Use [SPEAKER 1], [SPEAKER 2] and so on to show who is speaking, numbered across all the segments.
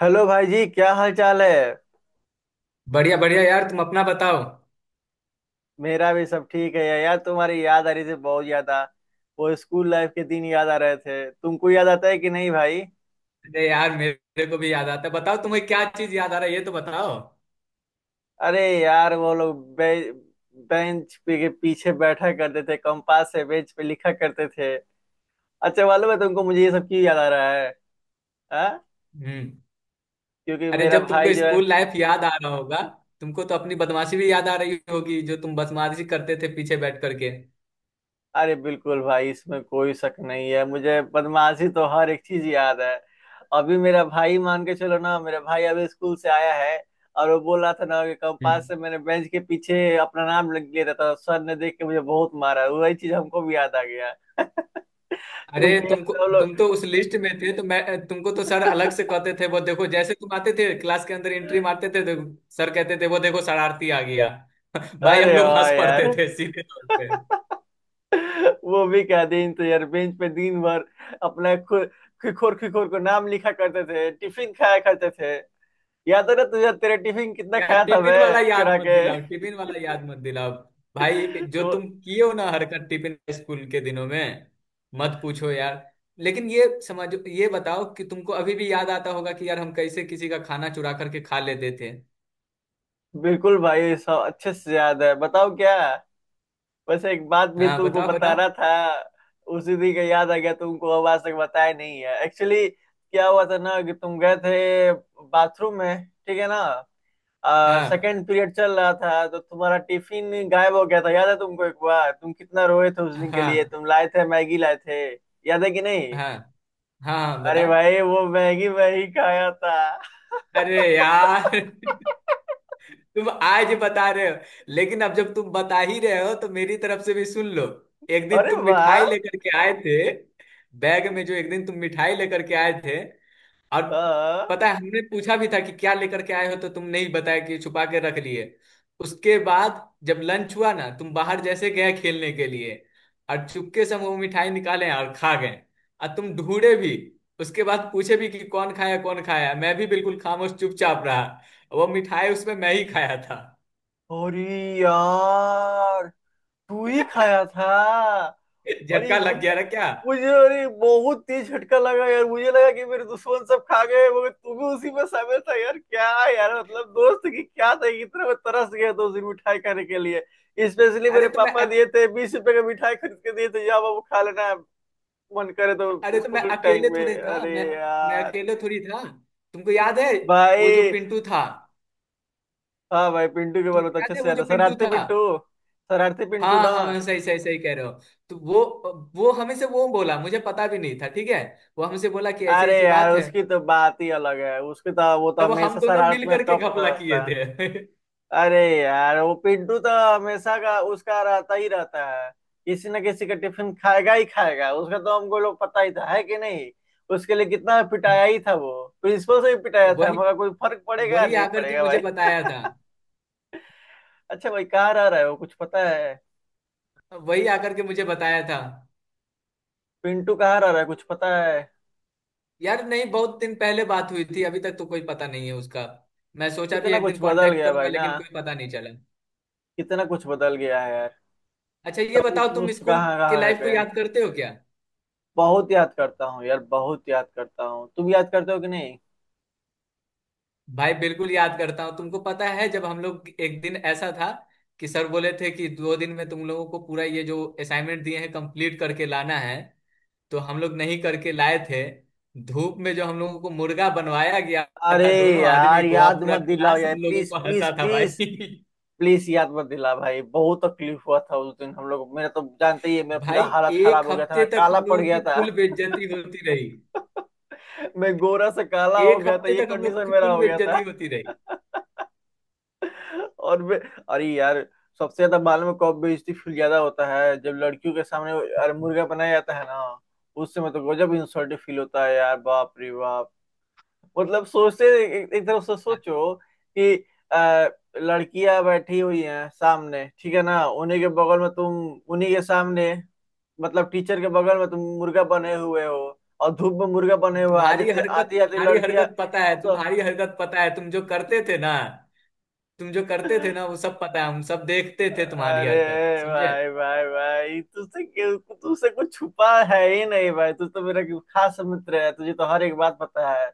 [SPEAKER 1] Hello भाई जी, क्या हाल चाल है।
[SPEAKER 2] बढ़िया बढ़िया यार, तुम अपना बताओ।
[SPEAKER 1] मेरा भी सब ठीक है यार, तुम्हारी याद आ रही थी बहुत ज्यादा। वो स्कूल लाइफ के दिन याद आ रहे थे। तुमको याद आता है कि नहीं भाई?
[SPEAKER 2] अरे यार, मेरे को भी याद आता है। बताओ तुम्हें क्या चीज याद आ रहा है ये तो बताओ।
[SPEAKER 1] अरे यार, वो लोग बेंच पे के पीछे बैठा करते थे, कंपास से बेंच पे लिखा करते थे। अच्छा, मालूम है तुमको मुझे ये सब क्यों याद आ रहा है? हाँ।
[SPEAKER 2] हम्म।
[SPEAKER 1] क्योंकि
[SPEAKER 2] अरे,
[SPEAKER 1] मेरा
[SPEAKER 2] जब
[SPEAKER 1] भाई
[SPEAKER 2] तुमको
[SPEAKER 1] जो है।
[SPEAKER 2] स्कूल लाइफ याद आ रहा होगा तुमको तो अपनी बदमाशी भी याद आ रही होगी जो तुम बदमाशी करते थे पीछे बैठ करके।
[SPEAKER 1] अरे बिल्कुल भाई, इसमें कोई शक नहीं है। मुझे बदमाशी तो हर एक चीज याद है। अभी मेरा भाई, मान के चलो ना, मेरा भाई अभी स्कूल से आया है। और वो बोल रहा था ना कि कंपास
[SPEAKER 2] हम्म।
[SPEAKER 1] से मैंने बेंच के पीछे अपना नाम लिख लिया था तो सर ने देख के मुझे बहुत मारा। वही चीज हमको भी याद आ गया।
[SPEAKER 2] अरे
[SPEAKER 1] तुमको याद
[SPEAKER 2] तुमको,
[SPEAKER 1] है वो लोग?
[SPEAKER 2] तुम तो उस लिस्ट में थे तो मैं तुमको तो सर अलग से कहते थे, वो देखो जैसे तुम आते थे क्लास के अंदर एंट्री मारते थे तो सर कहते थे, वो देखो शरारती आ गया। भाई हम
[SPEAKER 1] अरे
[SPEAKER 2] लोग
[SPEAKER 1] वाह
[SPEAKER 2] हंस
[SPEAKER 1] यार,
[SPEAKER 2] पड़ते थे सीधे तौर पे।
[SPEAKER 1] वो भी क्या दिन तो यार, बेंच पे दिन भर अपना खु- खिखोर खिखोर को नाम लिखा करते थे, टिफिन खाया करते थे। याद है ना तुझे, तेरे टिफिन कितना
[SPEAKER 2] यार
[SPEAKER 1] खाया था
[SPEAKER 2] टिफिन
[SPEAKER 1] मैं
[SPEAKER 2] वाला याद
[SPEAKER 1] चुरा
[SPEAKER 2] मत
[SPEAKER 1] के।
[SPEAKER 2] दिलाओ, टिफिन वाला याद मत दिलाओ। भाई, जो
[SPEAKER 1] तो
[SPEAKER 2] तुम किए हो ना हरकत टिफिन स्कूल के दिनों में, मत पूछो यार। लेकिन ये समझो, ये बताओ कि तुमको अभी भी याद आता होगा कि यार हम कैसे किसी का खाना चुरा करके खा लेते थे।
[SPEAKER 1] बिल्कुल भाई, सब अच्छे से याद है। बताओ क्या। बस एक बात भी
[SPEAKER 2] हाँ
[SPEAKER 1] तुमको
[SPEAKER 2] बताओ, बताओ।
[SPEAKER 1] बताना था। उसी दिन का याद आ गया तुमको। अब आज तक बताया नहीं है, एक्चुअली क्या हुआ था ना, कि तुम गए थे बाथरूम में, ठीक है ना।
[SPEAKER 2] हाँ।
[SPEAKER 1] सेकेंड पीरियड चल रहा था तो तुम्हारा टिफिन गायब हो गया था, याद है तुमको? एक बार तुम कितना रोए थे उस
[SPEAKER 2] हाँ
[SPEAKER 1] दिन के लिए,
[SPEAKER 2] हाँ।
[SPEAKER 1] तुम लाए थे, मैगी लाए थे। याद है कि नहीं?
[SPEAKER 2] हाँ। हाँ,
[SPEAKER 1] अरे
[SPEAKER 2] बताओ।
[SPEAKER 1] भाई, वो मैगी मैं ही खाया था।
[SPEAKER 2] अरे यार, तुम आज बता रहे हो। लेकिन अब जब तुम बता ही रहे हो तो मेरी तरफ से भी सुन लो। एक दिन
[SPEAKER 1] अरे
[SPEAKER 2] तुम
[SPEAKER 1] वाह।
[SPEAKER 2] मिठाई लेकर के आए थे, बैग में, जो एक दिन तुम मिठाई लेकर के आए थे, और
[SPEAKER 1] हाँ।
[SPEAKER 2] पता है हमने पूछा भी था कि क्या लेकर के आए हो तो तुम नहीं बताया, कि छुपा के रख लिए। उसके बाद जब लंच हुआ ना तुम बाहर जैसे गए खेलने के लिए, और चुपके से हम वो मिठाई निकाले और खा गए। और तुम ढूंढे भी, उसके बाद पूछे भी कि कौन खाया, कौन खाया, मैं भी बिल्कुल खामोश चुपचाप रहा। वो मिठाई उसमें मैं ही खाया था।
[SPEAKER 1] अरे यार, तू ही खाया था? अरे
[SPEAKER 2] झटका लग
[SPEAKER 1] मतलब,
[SPEAKER 2] गया ना क्या?
[SPEAKER 1] मुझे अरे बहुत तेज झटका लगा यार। मुझे लगा कि मेरे दुश्मन सब खा गए, मगर तू भी उसी में शामिल था यार। क्या यार, मतलब दोस्त की क्या था, इतना मैं तरस गया था उस दिन मिठाई खाने के लिए। स्पेशली मेरे
[SPEAKER 2] अरे तो मैं
[SPEAKER 1] पापा
[SPEAKER 2] अक,
[SPEAKER 1] दिए थे, 20 रुपए का मिठाई खरीद के दिए थे, जा बाबू खा लेना। मन करे
[SPEAKER 2] अरे
[SPEAKER 1] तो
[SPEAKER 2] तो मैं
[SPEAKER 1] स्कूल
[SPEAKER 2] अकेले
[SPEAKER 1] टाइम में,
[SPEAKER 2] थोड़े था।
[SPEAKER 1] अरे
[SPEAKER 2] मैं
[SPEAKER 1] यार।
[SPEAKER 2] अकेले थोड़ी था। तुमको याद है वो जो
[SPEAKER 1] भाई।
[SPEAKER 2] पिंटू था?
[SPEAKER 1] हाँ भाई, पिंटू के बारे में
[SPEAKER 2] तुमको
[SPEAKER 1] तो अच्छे
[SPEAKER 2] याद है
[SPEAKER 1] से
[SPEAKER 2] वो
[SPEAKER 1] याद
[SPEAKER 2] जो
[SPEAKER 1] है।
[SPEAKER 2] पिंटू
[SPEAKER 1] शरारते
[SPEAKER 2] था?
[SPEAKER 1] पिंटू। शरारती पिंटू
[SPEAKER 2] हाँ
[SPEAKER 1] ना?
[SPEAKER 2] हाँ हाँ, सही सही सही कह रहे हो। तो वो हमें से वो बोला, मुझे पता भी नहीं था ठीक है। वो हमसे बोला कि ऐसी
[SPEAKER 1] अरे
[SPEAKER 2] ऐसी
[SPEAKER 1] यार,
[SPEAKER 2] बात है।
[SPEAKER 1] उसकी तो बात ही अलग है। उसकी तो, वो तो
[SPEAKER 2] तब वो हम
[SPEAKER 1] हमेशा
[SPEAKER 2] दोनों
[SPEAKER 1] शरारत
[SPEAKER 2] मिल
[SPEAKER 1] में
[SPEAKER 2] करके
[SPEAKER 1] टॉप
[SPEAKER 2] घपला किए
[SPEAKER 1] रहता है।
[SPEAKER 2] थे।
[SPEAKER 1] अरे यार, वो पिंटू तो हमेशा का, उसका रहता ही रहता है। किसी न किसी का टिफिन खाएगा ही खाएगा। उसका तो हमको लोग पता ही था, है कि नहीं? उसके लिए कितना पिटाया ही था वो। प्रिंसिपल से भी पिटाया था,
[SPEAKER 2] वही,
[SPEAKER 1] मगर कोई फर्क पड़ेगा
[SPEAKER 2] वही
[SPEAKER 1] नहीं
[SPEAKER 2] आकर के
[SPEAKER 1] पड़ेगा
[SPEAKER 2] मुझे
[SPEAKER 1] भाई।
[SPEAKER 2] बताया था।
[SPEAKER 1] अच्छा भाई, कहाँ रह रहा है वो, कुछ पता है?
[SPEAKER 2] वही आकर के मुझे बताया था।
[SPEAKER 1] पिंटू कहाँ रह रहा है, कुछ पता है?
[SPEAKER 2] यार नहीं, बहुत दिन पहले बात हुई थी, अभी तक तो कोई पता नहीं है उसका। मैं सोचा भी
[SPEAKER 1] कितना
[SPEAKER 2] एक दिन
[SPEAKER 1] कुछ बदल
[SPEAKER 2] कांटेक्ट
[SPEAKER 1] गया
[SPEAKER 2] करूंगा,
[SPEAKER 1] भाई ना।
[SPEAKER 2] लेकिन कोई पता नहीं चला।
[SPEAKER 1] कितना कुछ बदल गया है यार।
[SPEAKER 2] अच्छा ये
[SPEAKER 1] सभी
[SPEAKER 2] बताओ, तुम
[SPEAKER 1] दोस्त
[SPEAKER 2] स्कूल
[SPEAKER 1] कहाँ
[SPEAKER 2] के
[SPEAKER 1] कहाँ है
[SPEAKER 2] लाइफ को
[SPEAKER 1] गए?
[SPEAKER 2] याद करते हो क्या?
[SPEAKER 1] बहुत याद करता हूँ यार, बहुत याद करता हूँ। तुम याद करते हो कि नहीं?
[SPEAKER 2] भाई बिल्कुल याद करता हूँ। तुमको पता है, जब हम लोग एक दिन ऐसा था कि सर बोले थे कि 2 दिन में तुम लोगों को पूरा ये जो असाइनमेंट दिए हैं कंप्लीट करके लाना है, तो हम लोग नहीं करके लाए थे। धूप में जो हम लोगों को मुर्गा बनवाया गया
[SPEAKER 1] अरे
[SPEAKER 2] था दोनों आदमी
[SPEAKER 1] यार,
[SPEAKER 2] को, आप
[SPEAKER 1] याद
[SPEAKER 2] पूरा
[SPEAKER 1] मत दिलाओ
[SPEAKER 2] क्लास
[SPEAKER 1] यार,
[SPEAKER 2] हम लोगों
[SPEAKER 1] प्लीज
[SPEAKER 2] को
[SPEAKER 1] प्लीज
[SPEAKER 2] हंसा था भाई।
[SPEAKER 1] प्लीज। प्लीज याद मत दिला भाई, बहुत तकलीफ हुआ था उस दिन हम लोग। मेरा तो जानते ही है, मेरा पूरा
[SPEAKER 2] भाई,
[SPEAKER 1] हालत खराब
[SPEAKER 2] एक
[SPEAKER 1] हो गया था,
[SPEAKER 2] हफ्ते
[SPEAKER 1] मैं
[SPEAKER 2] तक
[SPEAKER 1] काला
[SPEAKER 2] हम
[SPEAKER 1] पड़
[SPEAKER 2] लोगों
[SPEAKER 1] गया
[SPEAKER 2] की
[SPEAKER 1] था।
[SPEAKER 2] कुल बेइज्जती होती रही।
[SPEAKER 1] मैं गोरा से काला हो
[SPEAKER 2] एक
[SPEAKER 1] गया था,
[SPEAKER 2] हफ्ते
[SPEAKER 1] ये
[SPEAKER 2] तक हम लोग
[SPEAKER 1] कंडीशन
[SPEAKER 2] की
[SPEAKER 1] मेरा
[SPEAKER 2] कुल
[SPEAKER 1] हो गया
[SPEAKER 2] बेइज्जती
[SPEAKER 1] था।
[SPEAKER 2] होती रही।
[SPEAKER 1] और मैं। अरे यार, सबसे ज्यादा बाल में कब बेइज्जती फील ज्यादा होता है? जब लड़कियों के सामने। अरे मुर्गा बनाया जाता है ना। उस समय तो गजब इंसल्ट फील होता है यार, बाप रे बाप। मतलब सोचते, एक तरफ से सोचो कि, आ, लड़कियां बैठी हुई हैं सामने, ठीक है ना, उन्हीं के बगल में तुम, उन्हीं के सामने, मतलब टीचर के बगल में तुम मुर्गा बने हुए हो। और धूप में मुर्गा बने हुए हो। आ
[SPEAKER 2] तुम्हारी
[SPEAKER 1] जाती
[SPEAKER 2] हरकत,
[SPEAKER 1] आती आती
[SPEAKER 2] तुम्हारी
[SPEAKER 1] लड़कियां।
[SPEAKER 2] हरकत पता है, तुम्हारी हरकत पता है, तुम जो करते थे ना, तुम जो
[SPEAKER 1] तो।
[SPEAKER 2] करते थे ना वो सब पता है। हम सब देखते थे तुम्हारी
[SPEAKER 1] अरे
[SPEAKER 2] हरकत, समझे।
[SPEAKER 1] भाई भाई भाई, तुझसे कुछ छुपा है ही नहीं भाई। तू तो मेरा खास मित्र है, तुझे तो हर एक बात पता है।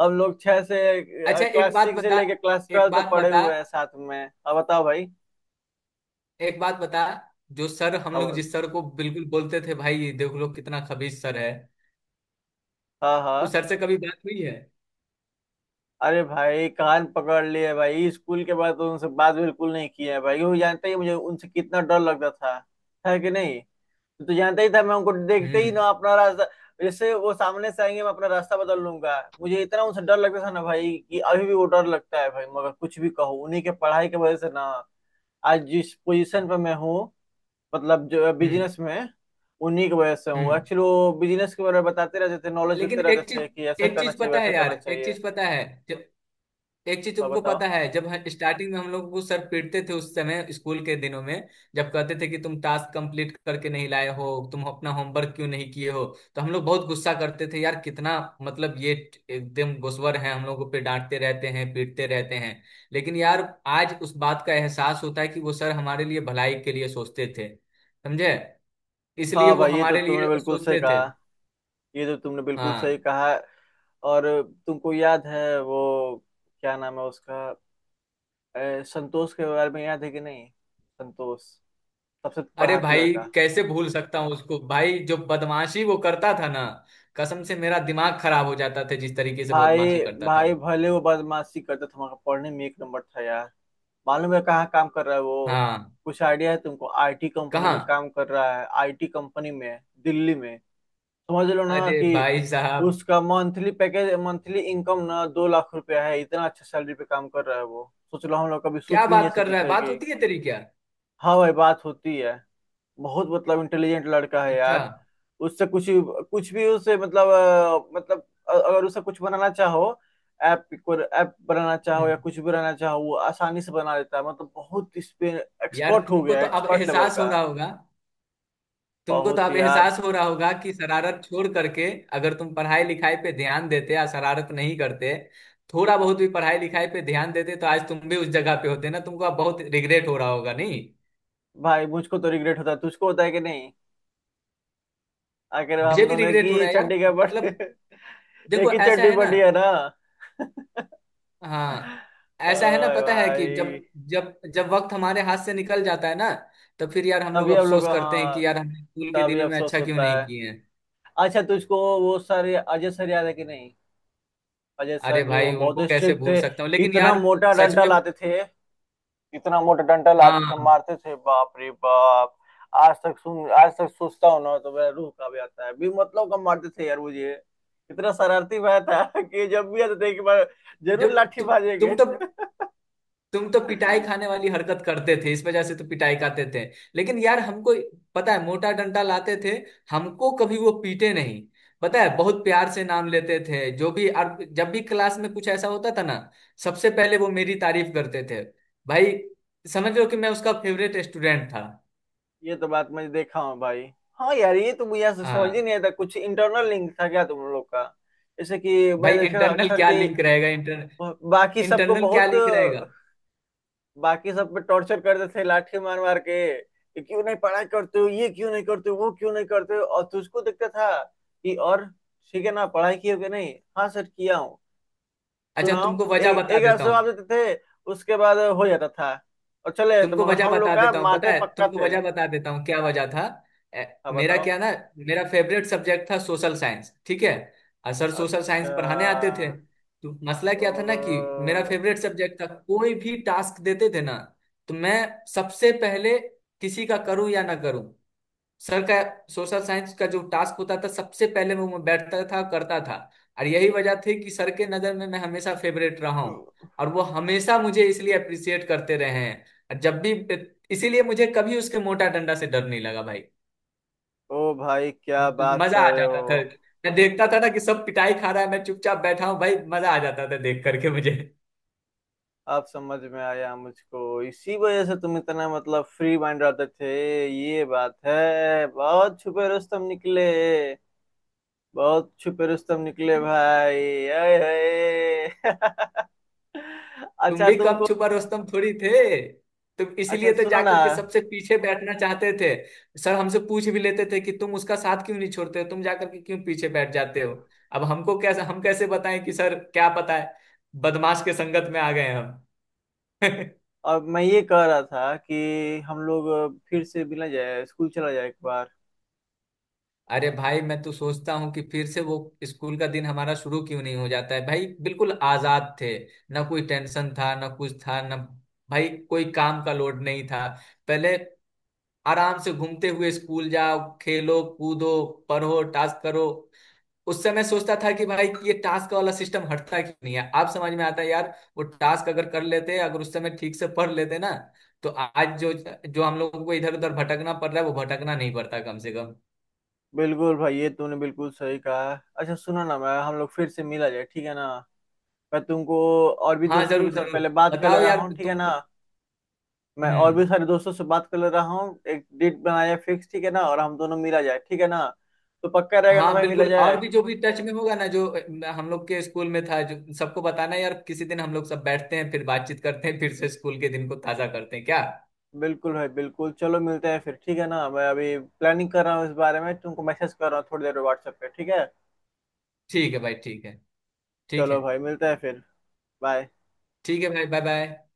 [SPEAKER 1] हम लोग छह से
[SPEAKER 2] अच्छा एक
[SPEAKER 1] क्लास
[SPEAKER 2] बात
[SPEAKER 1] सिक्स से
[SPEAKER 2] बता,
[SPEAKER 1] लेके क्लास
[SPEAKER 2] एक
[SPEAKER 1] ट्वेल्व तक
[SPEAKER 2] बात
[SPEAKER 1] पढ़े
[SPEAKER 2] बता,
[SPEAKER 1] हुए हैं साथ में। अब बताओ भाई।
[SPEAKER 2] एक बात बता, जो सर हम लोग
[SPEAKER 1] अब।
[SPEAKER 2] जिस सर को बिल्कुल बोलते थे भाई देख लो कितना खबीज सर है,
[SPEAKER 1] हाँ
[SPEAKER 2] उस
[SPEAKER 1] हाँ।
[SPEAKER 2] सर से कभी बात हुई है?
[SPEAKER 1] अरे भाई कान पकड़ लिए भाई, स्कूल के बाद तो उनसे बात बिल्कुल नहीं की है भाई। वो जानते ही मुझे उनसे कितना डर लगता था, है कि नहीं? तो जानता ही था, मैं उनको देखते ही
[SPEAKER 2] हम्म।
[SPEAKER 1] ना अपना रास्ता, जैसे वो सामने से आएंगे, मैं अपना रास्ता बदल लूंगा। मुझे इतना उनसे डर लगता था ना भाई, कि अभी भी वो डर लगता है भाई। मगर कुछ भी कहो, उन्हीं के पढ़ाई की वजह से ना, आज जिस पोजीशन पे मैं हूँ, मतलब जो
[SPEAKER 2] हम्म।
[SPEAKER 1] बिजनेस में, उन्हीं की वजह से हूँ।
[SPEAKER 2] हम्म।
[SPEAKER 1] एक्चुअली वो बिजनेस के बारे में बताते रहते थे, नॉलेज
[SPEAKER 2] लेकिन
[SPEAKER 1] देते रहते
[SPEAKER 2] एक चीज,
[SPEAKER 1] थे, कि ऐसा
[SPEAKER 2] एक
[SPEAKER 1] करना
[SPEAKER 2] चीज
[SPEAKER 1] चाहिए
[SPEAKER 2] पता
[SPEAKER 1] वैसा
[SPEAKER 2] है यार,
[SPEAKER 1] करना
[SPEAKER 2] एक
[SPEAKER 1] चाहिए।
[SPEAKER 2] चीज पता है, जो एक चीज
[SPEAKER 1] तो
[SPEAKER 2] तुमको
[SPEAKER 1] बताओ।
[SPEAKER 2] पता है, जब स्टार्टिंग में हम लोग को सर पीटते थे उस समय स्कूल के दिनों में, जब कहते थे कि तुम टास्क कंप्लीट करके नहीं लाए हो, तुम अपना होमवर्क क्यों नहीं किए हो, तो हम लोग बहुत गुस्सा करते थे यार, कितना, मतलब ये, एकदम गुस्वर है, हम लोगों पे डांटते रहते हैं, पीटते रहते हैं। लेकिन यार आज उस बात का एहसास होता है कि वो सर हमारे लिए भलाई के लिए सोचते थे, समझे। इसलिए
[SPEAKER 1] हाँ
[SPEAKER 2] वो
[SPEAKER 1] भाई, ये तो
[SPEAKER 2] हमारे
[SPEAKER 1] तुमने
[SPEAKER 2] लिए
[SPEAKER 1] बिल्कुल सही
[SPEAKER 2] सोचते थे।
[SPEAKER 1] कहा। ये तो तुमने बिल्कुल सही
[SPEAKER 2] हाँ।
[SPEAKER 1] कहा। और, तुमको याद है वो, क्या नाम है उसका, संतोष के बारे में याद है कि नहीं? संतोष, सबसे
[SPEAKER 2] अरे
[SPEAKER 1] पढ़ाकू
[SPEAKER 2] भाई,
[SPEAKER 1] लड़का।
[SPEAKER 2] कैसे भूल सकता हूँ उसको। भाई, जो बदमाशी वो करता था ना, कसम से मेरा दिमाग खराब हो जाता था जिस तरीके से
[SPEAKER 1] भाई।
[SPEAKER 2] बदमाशी करता था
[SPEAKER 1] भाई,
[SPEAKER 2] वो।
[SPEAKER 1] भले वो बदमाशी करता था, मगर पढ़ने में एक नंबर था यार। मालूम है कहाँ काम कर रहा है वो?
[SPEAKER 2] हाँ।
[SPEAKER 1] कुछ आइडिया है तुमको? आईटी कंपनी
[SPEAKER 2] कहाँ?
[SPEAKER 1] में काम कर रहा है, आईटी कंपनी में, दिल्ली में। समझ लो ना
[SPEAKER 2] अरे
[SPEAKER 1] कि,
[SPEAKER 2] भाई साहब!
[SPEAKER 1] उसका मंथली पैकेज, मंथली इनकम ना 2 लाख रुपया है। इतना अच्छा सैलरी पे काम कर रहा है वो, सोच लो, हम लोग कभी
[SPEAKER 2] क्या
[SPEAKER 1] सोच भी नहीं
[SPEAKER 2] बात कर
[SPEAKER 1] सकते
[SPEAKER 2] रहा है?
[SPEAKER 1] थे
[SPEAKER 2] बात
[SPEAKER 1] कि।
[SPEAKER 2] होती है तेरी क्या?
[SPEAKER 1] हाँ भाई, बात होती है। बहुत मतलब इंटेलिजेंट लड़का है
[SPEAKER 2] अच्छा।
[SPEAKER 1] यार। उससे कुछ कुछ भी उसे मतलब, अगर उसे कुछ बनाना चाहो, ऐप बनाना चाहो
[SPEAKER 2] हम्म।
[SPEAKER 1] या कुछ भी बनाना चाहो, वो आसानी से बना देता है। मतलब बहुत इस पे
[SPEAKER 2] यार
[SPEAKER 1] एक्सपर्ट हो
[SPEAKER 2] तुमको
[SPEAKER 1] गया है,
[SPEAKER 2] तो अब
[SPEAKER 1] एक्सपर्ट लेवल
[SPEAKER 2] एहसास हो
[SPEAKER 1] का।
[SPEAKER 2] रहा होगा, तुमको तो
[SPEAKER 1] बहुत
[SPEAKER 2] अब
[SPEAKER 1] यार।
[SPEAKER 2] एहसास हो रहा होगा कि शरारत छोड़ करके, अगर तुम पढ़ाई लिखाई पे ध्यान देते या शरारत नहीं करते, थोड़ा बहुत भी पढ़ाई लिखाई पे ध्यान देते तो आज तुम भी उस जगह पे होते ना, तुमको अब बहुत रिग्रेट हो रहा होगा नहीं?
[SPEAKER 1] भाई मुझको तो रिग्रेट होता है, तुझको होता है कि नहीं? आखिर
[SPEAKER 2] मुझे
[SPEAKER 1] हम
[SPEAKER 2] भी
[SPEAKER 1] दोनों एक
[SPEAKER 2] रिग्रेट हो
[SPEAKER 1] ही
[SPEAKER 2] रहा है यार,
[SPEAKER 1] चड्डी का बट
[SPEAKER 2] मतलब देखो,
[SPEAKER 1] एक ही
[SPEAKER 2] ऐसा
[SPEAKER 1] चड्डी
[SPEAKER 2] है ना।
[SPEAKER 1] बड़ी है ना।
[SPEAKER 2] हाँ। ऐसा है ना,
[SPEAKER 1] ओए
[SPEAKER 2] पता है कि जब
[SPEAKER 1] भाई।
[SPEAKER 2] जब जब वक्त हमारे हाथ से निकल जाता है ना, तो फिर यार हम लोग
[SPEAKER 1] तभी हम लोग
[SPEAKER 2] अफसोस
[SPEAKER 1] को,
[SPEAKER 2] करते हैं
[SPEAKER 1] हाँ,
[SPEAKER 2] कि यार हमने स्कूल के
[SPEAKER 1] तभी
[SPEAKER 2] दिनों में
[SPEAKER 1] अफसोस
[SPEAKER 2] अच्छा क्यों
[SPEAKER 1] होता है।
[SPEAKER 2] नहीं किए हैं।
[SPEAKER 1] अच्छा, तुझको वो सर अजय सर याद है कि नहीं? अजय सर
[SPEAKER 2] अरे
[SPEAKER 1] जो
[SPEAKER 2] भाई,
[SPEAKER 1] बहुत
[SPEAKER 2] उनको कैसे
[SPEAKER 1] स्ट्रिक्ट
[SPEAKER 2] भूल
[SPEAKER 1] थे।
[SPEAKER 2] सकता हूँ, लेकिन
[SPEAKER 1] इतना
[SPEAKER 2] यार,
[SPEAKER 1] मोटा
[SPEAKER 2] सच
[SPEAKER 1] डंडा
[SPEAKER 2] में।
[SPEAKER 1] लाते थे। इतना मोटा डंडा लाते थे,
[SPEAKER 2] हाँ।
[SPEAKER 1] मारते थे, बाप रे बाप। आज तक सोचता हूँ ना तो मेरा रूह कांप जाता है, भी मतलब कम मारते थे यार मुझे। इतना शरारती भाई था कि जब भी आते थे कि मैं जरूर
[SPEAKER 2] जब
[SPEAKER 1] लाठी
[SPEAKER 2] तु,
[SPEAKER 1] भाजेंगे।
[SPEAKER 2] तुम तो तुम तो पिटाई खाने वाली हरकत करते थे, इस वजह से तो पिटाई खाते थे। लेकिन यार हमको, पता है मोटा डंडा लाते थे, हमको कभी वो पीटे नहीं। पता है, बहुत प्यार से नाम लेते थे जो भी, और जब भी क्लास में कुछ ऐसा होता था ना सबसे पहले वो मेरी तारीफ करते थे भाई। समझ लो कि मैं उसका फेवरेट स्टूडेंट था।
[SPEAKER 1] ये तो बात मैं देखा हूँ भाई। हाँ यार, ये तो मुझे आज तक समझ
[SPEAKER 2] हाँ
[SPEAKER 1] ही नहीं आता, कुछ इंटरनल लिंक था क्या तुम लोग का? जैसे कि मैं
[SPEAKER 2] भाई,
[SPEAKER 1] देखा था
[SPEAKER 2] इंटरनल
[SPEAKER 1] अक्सर
[SPEAKER 2] क्या
[SPEAKER 1] कि,
[SPEAKER 2] लिंक रहेगा,
[SPEAKER 1] बाकी सबको
[SPEAKER 2] इंटरनल क्या
[SPEAKER 1] बहुत,
[SPEAKER 2] लिंक रहेगा।
[SPEAKER 1] बाकी सब पे टॉर्चर करते थे लाठी मार मार के, कि क्यों नहीं पढ़ाई करते हो, ये क्यों नहीं करते हो, वो क्यों नहीं करते हो, और तुझको दिखता था कि, और ठीक है ना, पढ़ाई किए हो कि नहीं, हाँ सर किया हूँ।
[SPEAKER 2] अच्छा
[SPEAKER 1] सुनाओ।
[SPEAKER 2] तुमको वजह
[SPEAKER 1] एक
[SPEAKER 2] बता
[SPEAKER 1] एक ऐसे
[SPEAKER 2] देता हूँ,
[SPEAKER 1] जवाब देते थे। उसके बाद हो जाता था। और चले जाते,
[SPEAKER 2] तुमको
[SPEAKER 1] मगर
[SPEAKER 2] वजह
[SPEAKER 1] हम लोग
[SPEAKER 2] बता
[SPEAKER 1] का
[SPEAKER 2] देता हूँ पता
[SPEAKER 1] माते
[SPEAKER 2] है,
[SPEAKER 1] पक्का
[SPEAKER 2] तुमको
[SPEAKER 1] थे।
[SPEAKER 2] वजह बता देता हूँ क्या वजह था।
[SPEAKER 1] हाँ
[SPEAKER 2] मेरा
[SPEAKER 1] बताओ।
[SPEAKER 2] क्या ना, मेरा फेवरेट सब्जेक्ट था सोशल साइंस, ठीक है। और सर सोशल साइंस
[SPEAKER 1] अच्छा।
[SPEAKER 2] पढ़ाने आते थे। तो मसला
[SPEAKER 1] ओ,
[SPEAKER 2] क्या था ना कि मेरा फेवरेट सब्जेक्ट था, कोई भी टास्क देते थे ना, तो मैं सबसे पहले, किसी का करूँ या ना करूँ, सर का सोशल साइंस का जो टास्क होता था सबसे पहले वो मैं बैठता था करता था। और यही वजह थी कि सर के नज़र में मैं हमेशा फेवरेट रहा हूँ, और वो हमेशा मुझे इसलिए अप्रिसिएट करते रहे हैं। और जब भी, इसीलिए मुझे कभी उसके मोटा डंडा से डर नहीं लगा भाई।
[SPEAKER 1] ओ भाई क्या बात
[SPEAKER 2] मजा
[SPEAKER 1] कर
[SPEAKER 2] आ
[SPEAKER 1] रहे
[SPEAKER 2] जाता था।
[SPEAKER 1] हो।
[SPEAKER 2] मैं देखता था ना कि सब पिटाई खा रहा है, मैं चुपचाप बैठा हूँ भाई, मजा आ जाता था देख करके मुझे।
[SPEAKER 1] अब समझ में आया मुझको, इसी वजह से तुम इतना मतलब फ्री माइंड रहते थे। ये बात है, बहुत छुपे रुस्तम निकले। बहुत छुपे रुस्तम निकले भाई, आए हाय।
[SPEAKER 2] तुम
[SPEAKER 1] अच्छा
[SPEAKER 2] भी कम
[SPEAKER 1] तुमको,
[SPEAKER 2] छुपा रुस्तम थोड़ी थे, तो
[SPEAKER 1] अच्छा
[SPEAKER 2] इसलिए तो
[SPEAKER 1] सुनो ना,
[SPEAKER 2] जाकर के सबसे पीछे बैठना चाहते थे। सर हमसे पूछ भी लेते थे कि तुम उसका साथ क्यों नहीं छोड़ते हो, तुम जाकर के क्यों पीछे बैठ जाते हो। अब हमको कैसे हम कैसे बताएं कि सर, क्या पता है, बदमाश के संगत में आ गए हम।
[SPEAKER 1] और मैं ये कह रहा था कि हम लोग फिर से मिला जाए, स्कूल चला जाए एक बार।
[SPEAKER 2] अरे भाई, मैं तो सोचता हूँ कि फिर से वो स्कूल का दिन हमारा शुरू क्यों नहीं हो जाता है भाई, बिल्कुल आजाद थे, ना कोई टेंशन था ना कुछ था ना। भाई कोई काम का लोड नहीं था। पहले आराम से घूमते हुए स्कूल जाओ, खेलो कूदो, पढ़ो टास्क करो। उस समय सोचता था कि भाई ये टास्क वाला सिस्टम हटता क्यों नहीं है, अब समझ में आता है यार, वो टास्क अगर कर लेते, अगर उस समय ठीक से पढ़ लेते ना, तो आज जो जो हम लोगों को इधर उधर भटकना पड़ रहा है वो भटकना नहीं पड़ता कम से कम।
[SPEAKER 1] बिल्कुल भाई, ये तूने बिल्कुल सही कहा। अच्छा सुनो ना, मैं हम लोग फिर से मिला जाए, ठीक है ना। मैं तुमको, और भी
[SPEAKER 2] हाँ
[SPEAKER 1] दोस्तों के
[SPEAKER 2] जरूर
[SPEAKER 1] साथ
[SPEAKER 2] जरूर,
[SPEAKER 1] पहले बात कर ले
[SPEAKER 2] बताओ
[SPEAKER 1] रहा
[SPEAKER 2] यार
[SPEAKER 1] हूँ, ठीक है
[SPEAKER 2] तुम।
[SPEAKER 1] ना। मैं और
[SPEAKER 2] हम्म।
[SPEAKER 1] भी सारे दोस्तों से बात कर ले रहा हूँ, एक डेट बनाया फिक्स, ठीक है ना, और हम दोनों मिला जाए, ठीक है ना। तो पक्का रहेगा ना
[SPEAKER 2] हाँ
[SPEAKER 1] भाई, मिला
[SPEAKER 2] बिल्कुल,
[SPEAKER 1] जाए।
[SPEAKER 2] और भी जो भी टच में होगा ना, जो हम लोग के स्कूल में था, जो सबको बताना यार, किसी दिन हम लोग सब बैठते हैं फिर बातचीत करते हैं फिर से स्कूल के दिन को ताजा करते हैं क्या?
[SPEAKER 1] बिल्कुल भाई बिल्कुल, चलो मिलते हैं फिर, ठीक है ना। मैं अभी प्लानिंग कर रहा हूँ इस बारे में, तुमको मैसेज कर रहा हूँ थोड़ी देर व्हाट्सएप पे, ठीक है।
[SPEAKER 2] ठीक है भाई, ठीक है। ठीक
[SPEAKER 1] चलो
[SPEAKER 2] है।
[SPEAKER 1] भाई, मिलते हैं फिर। बाय।
[SPEAKER 2] ठीक है भाई, बाय बाय।